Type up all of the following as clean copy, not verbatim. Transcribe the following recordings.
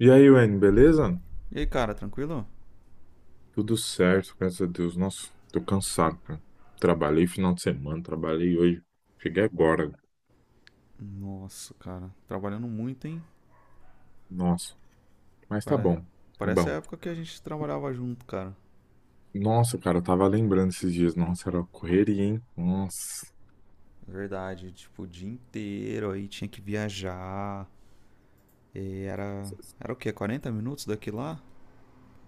E aí, Wayne, beleza? E aí, cara, tranquilo? Tudo certo, graças a Deus. Nossa, tô cansado, cara. Trabalhei final de semana, trabalhei hoje. Cheguei agora. Nossa, cara, trabalhando muito, hein? Nossa, mas tá Pare- bom. É Parece a bom. época que a gente trabalhava junto, cara. Nossa, cara, eu tava lembrando esses dias. Nossa, era uma correria, hein? Nossa. É verdade, tipo, o dia inteiro aí tinha que viajar. E era. Era o quê? 40 minutos daqui lá?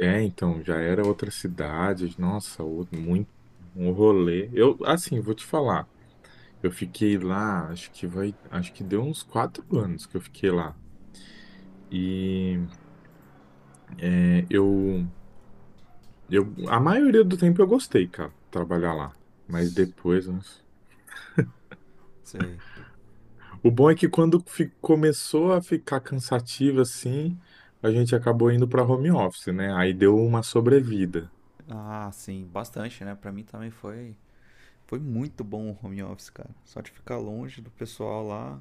É, então, já era outra cidade. Nossa, muito um rolê. Eu, assim, vou te falar. Eu fiquei lá, acho que deu uns 4 anos que eu fiquei lá. E é, eu Eu, a maioria do tempo eu gostei, cara, de trabalhar lá. Mas S- depois, nossa. Sei. O bom é que quando começou a ficar cansativo assim, a gente acabou indo pra home office, né? Aí deu uma sobrevida. Ah, sim, bastante, né? Pra mim também foi. Foi muito bom o home office, cara. Só de ficar longe do pessoal lá.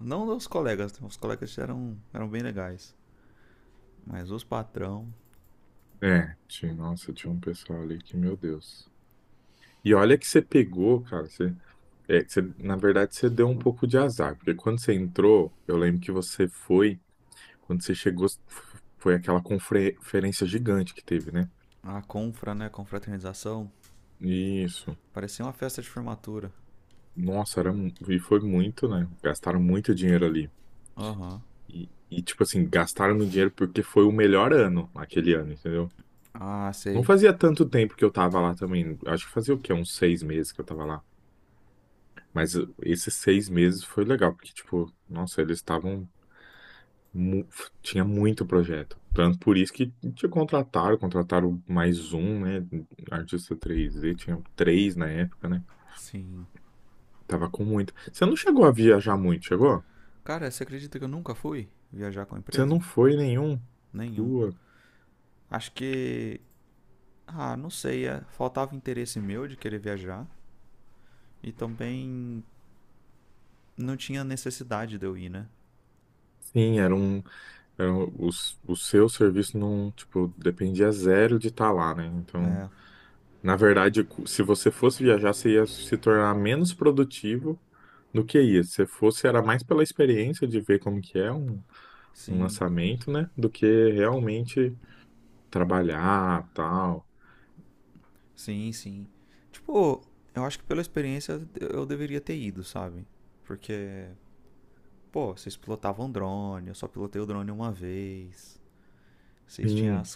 Não dos colegas, né? Os colegas eram bem legais. Mas os patrão, É, tinha, nossa, tinha um pessoal ali que, meu Deus. E olha que você pegou, cara. Na verdade, você deu um pouco de azar, porque quando você entrou, eu lembro que quando você chegou, foi aquela conferência gigante que teve, né? a confra, né? Confraternização. Isso. Parecia uma festa de formatura. Nossa, e foi muito, né? Gastaram muito dinheiro ali. Aham. Uhum. E, tipo assim, gastaram meu dinheiro porque foi o melhor ano, aquele ano, entendeu? Ah, Não sei. fazia tanto tempo que eu tava lá também. Acho que fazia o quê? Uns 6 meses que eu tava lá. Mas esses 6 meses foi legal, porque, tipo, nossa, eles estavam. mu- Tinha muito projeto. Tanto por isso que te contrataram, contrataram mais um, né? Artista três, d tinha três na época, né? Sim. Tava com muito. Você não chegou a viajar muito, chegou? Cara, você acredita que eu nunca fui viajar com a Você empresa? não foi nenhum? Nenhum. Pua. Acho que. Ah, não sei. Faltava interesse meu de querer viajar. E também não tinha necessidade de eu ir, né? Sim, era um- o, s- o seu serviço não, tipo, dependia zero de estar lá, né? Então, É. na verdade, se você fosse viajar, você ia se tornar menos produtivo do que ia. Se você fosse, era mais pela experiência de ver como que é um, Sim. lançamento, né? Do que realmente trabalhar, tal. Sim, sim. Tipo, eu acho que pela experiência eu deveria ter ido, sabe? Porque, pô, vocês pilotavam drone, eu só pilotei o drone uma vez. Vocês tinham Sim. as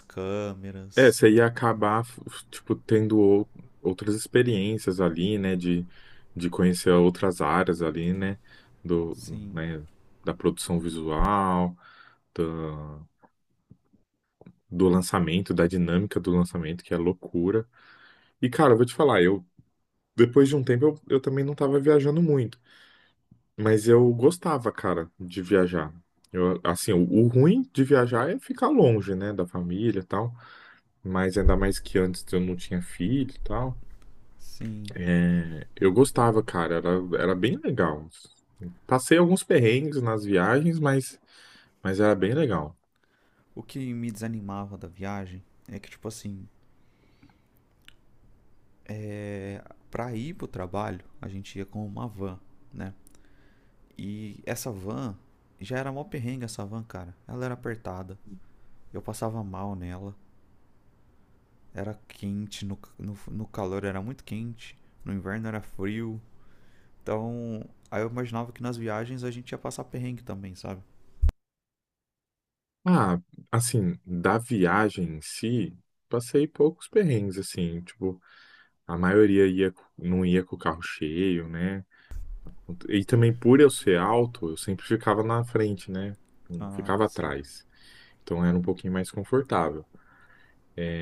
É, câmeras. você ia acabar, tipo, tendo outras experiências ali, né, de conhecer outras áreas ali, né, do, Sim. né, da produção visual, da- do lançamento, da dinâmica do lançamento, que é loucura. E, cara, eu vou te falar, depois de um tempo, eu também não tava viajando muito, mas eu gostava, cara, de viajar. Eu, assim, o ruim de viajar é ficar longe, né, da família e tal, mas ainda mais que antes eu não tinha filho e tal. Sim. Eu gostava, cara, era bem legal. Passei alguns perrengues nas viagens, mas era bem legal. O que me desanimava da viagem é que, tipo assim, é, pra ir pro trabalho, a gente ia com uma van, né? E essa van já era mó perrengue, essa van, cara. Ela era apertada, eu passava mal nela, era quente, no calor era muito quente, no inverno era frio. Então, aí eu imaginava que nas viagens a gente ia passar perrengue também, sabe? Ah, assim, da viagem em si, passei poucos perrengues, assim, tipo, a maioria ia, não ia com o carro cheio, né? E também por eu ser alto, eu sempre ficava na frente, né? Não Ah, ficava sim. atrás. Então era um pouquinho mais confortável,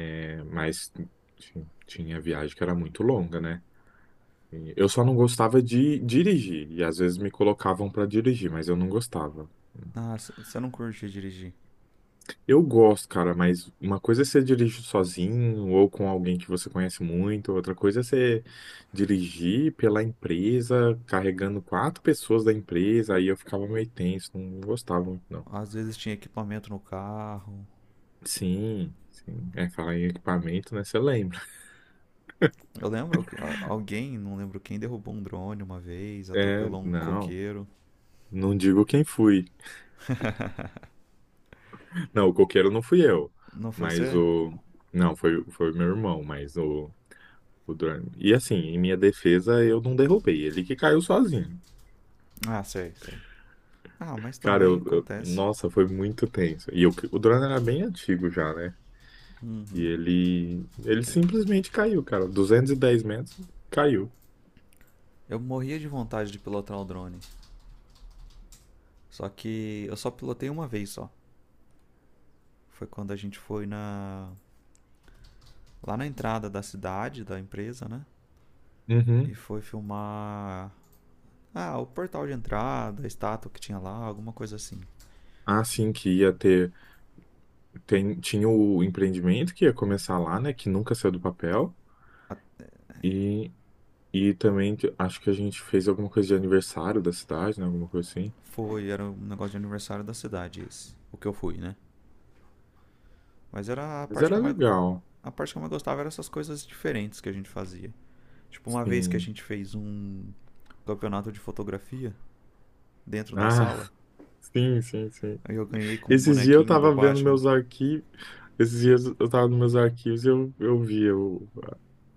né? Mas enfim, tinha viagem que era muito longa, né? Eu só não gostava de dirigir, e às vezes me colocavam pra dirigir, mas eu não gostava. Ah, você não curtia dirigir. Eu gosto, cara, mas uma coisa é você dirigir sozinho ou com alguém que você conhece muito, outra coisa é você dirigir pela empresa, carregando quatro pessoas da empresa, aí eu ficava meio tenso, não gostava muito, não. Às vezes tinha equipamento no carro. Sim, sim. É, falar em equipamento, né? Você lembra? Eu lembro, alguém, não lembro quem, derrubou um drone uma vez, É, atropelou um não. coqueiro. Não digo quem fui. Não, o coqueiro não fui eu, Não foi mas você? o. Não, foi o meu irmão, O drone. E assim, em minha defesa, eu não derrubei. Ele que caiu sozinho. Ah, sei, sei. Ah, mas Cara, também acontece. nossa, foi muito tenso. E o drone era bem antigo já, né? E Uhum. ele simplesmente caiu, cara. 210 metros, caiu. Eu morria de vontade de pilotar o drone. Só que eu só pilotei uma vez só. Foi quando a gente foi na lá na entrada da cidade, da empresa, né? E Uhum. foi filmar. Ah, o portal de entrada, a estátua que tinha lá, alguma coisa assim. Assim que tinha o empreendimento que ia começar lá, né? Que nunca saiu do papel. E, e também acho que a gente fez alguma coisa de aniversário da cidade, né? Alguma coisa assim. Foi, era um negócio de aniversário da cidade esse. O que eu fui, né? Mas era a Mas parte que era eu mais. legal. A parte que eu mais gostava era essas coisas diferentes que a gente fazia. Tipo, uma vez que a Sim. gente fez um campeonato de fotografia dentro da Ah, sala, sim, sim, sim. aí eu ganhei com um Esses dias eu bonequinho do tava vendo Batman. meus arquivos. Esses dias eu tava nos meus arquivos e eu vi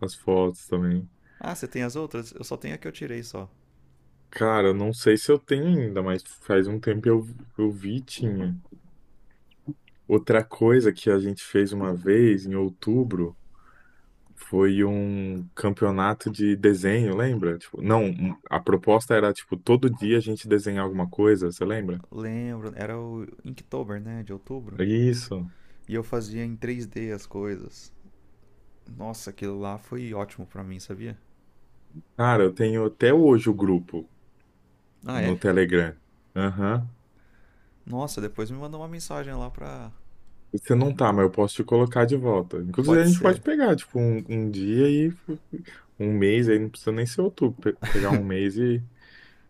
as fotos também. Ah, você tem as outras? Eu só tenho a que eu tirei só. Cara, não sei se eu tenho ainda, mas faz um tempo eu vi e tinha. Outra coisa que a gente fez uma vez em outubro foi um campeonato de desenho, lembra? Tipo, não, a proposta era tipo todo dia a gente desenhar alguma coisa, você lembra? Lembro, era o Inktober, né? De outubro. Isso. E eu fazia em 3D as coisas. Nossa, aquilo lá foi ótimo pra mim, sabia? Cara, eu tenho até hoje o grupo Ah, é? no Telegram. Aham. Nossa, depois me mandou uma mensagem lá pra. Você não tá, mas eu posso te colocar de volta. Inclusive, a Pode gente pode ser. pegar, tipo, um dia e um mês, aí não precisa nem ser outubro, pegar um mês e,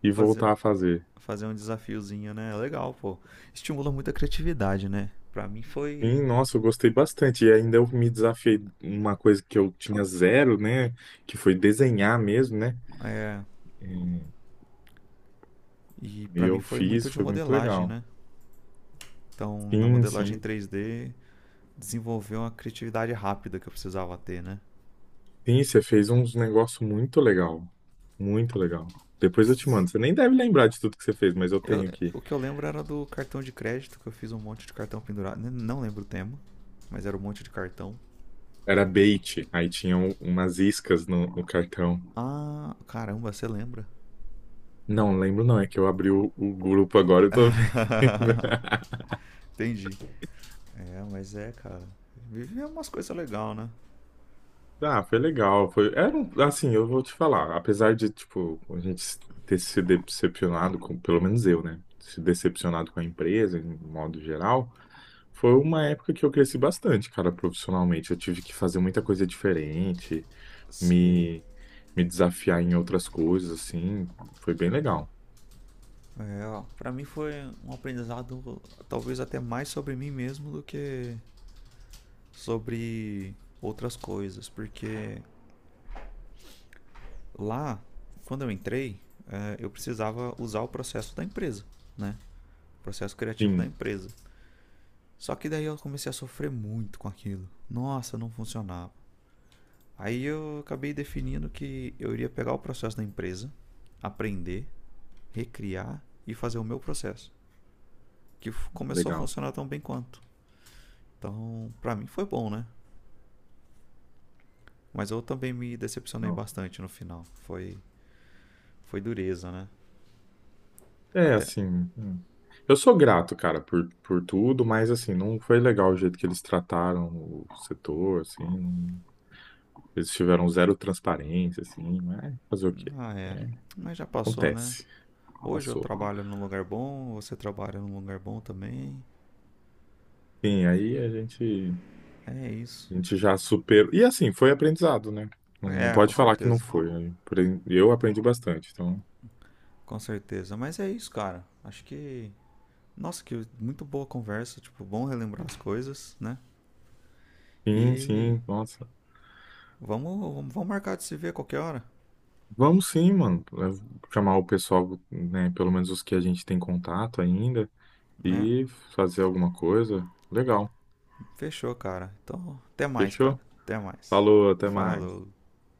e Fazer. voltar a fazer. Fazer um desafiozinho, né? É legal, pô. Estimula muito a criatividade, né? Pra mim foi. Sim, nossa, eu gostei bastante. E ainda eu me desafiei uma coisa que eu tinha zero, né? Que foi desenhar mesmo, né? É, e E pra mim eu foi fiz, muito de foi muito modelagem, legal. né? Então, na Sim, modelagem sim. 3D desenvolveu uma criatividade rápida que eu precisava ter, né? Sim, você fez uns negócios muito legal. Muito legal. Depois eu te mando. Você nem deve lembrar de tudo que você fez, mas eu Eu- tenho aqui. o que eu lembro era do cartão de crédito, que eu fiz um monte de cartão pendurado. Não lembro o tema, mas era um monte de cartão. Era bait, aí tinham umas iscas no cartão. Ah, caramba, você lembra? Não lembro não, é que eu abri o grupo agora, eu tô vendo. Entendi. É, mas é, cara. Viver é umas coisas legais, né? Ah, foi legal, foi, era assim, eu vou te falar, apesar de, tipo, a gente ter se decepcionado com, pelo menos eu, né, se decepcionado com a empresa, em modo geral, foi uma época que eu cresci bastante, cara, profissionalmente, eu tive que fazer muita coisa diferente, Sei. me, me desafiar em outras coisas, assim, foi bem legal. É, ó, pra mim foi um aprendizado talvez até mais sobre mim mesmo do que sobre outras coisas, porque lá, quando eu entrei, eu precisava usar o processo da empresa, né? O processo criativo da Sim, empresa. Só que daí eu comecei a sofrer muito com aquilo. Nossa, não funcionava. Aí eu acabei definindo que eu iria pegar o processo da empresa, aprender, recriar e fazer o meu processo, que começou a legal. funcionar tão bem quanto. Então, pra mim foi bom, né? Mas eu também me decepcionei bastante no final. Foi, foi dureza, né? É, Até. assim. É. Eu sou grato, cara, por tudo, mas, assim, não foi legal o jeito que eles trataram o setor, assim. Eles tiveram zero transparência, assim. Mas fazer o quê? Ah, é. É, Mas já passou, né? acontece. Hoje eu Passou. trabalho num lugar bom, você trabalha num lugar bom também. Sim, aí a gente, É isso. a gente já superou. E, assim, foi aprendizado, né? Não, não É, com pode falar que não certeza. foi, né? Eu aprendi bastante, então. Com certeza. Mas é isso, cara. Acho que. Nossa, que muito boa conversa. Tipo, bom relembrar as coisas, né? Sim, E sim, nossa. vamos marcar de se ver qualquer hora, Vamos sim, mano. Eu vou chamar o pessoal, né? Pelo menos os que a gente tem contato ainda. né? E fazer alguma coisa. Legal. Fechou, cara. Então, até mais, cara. Fechou? Até mais. Falou, até mais. Falou.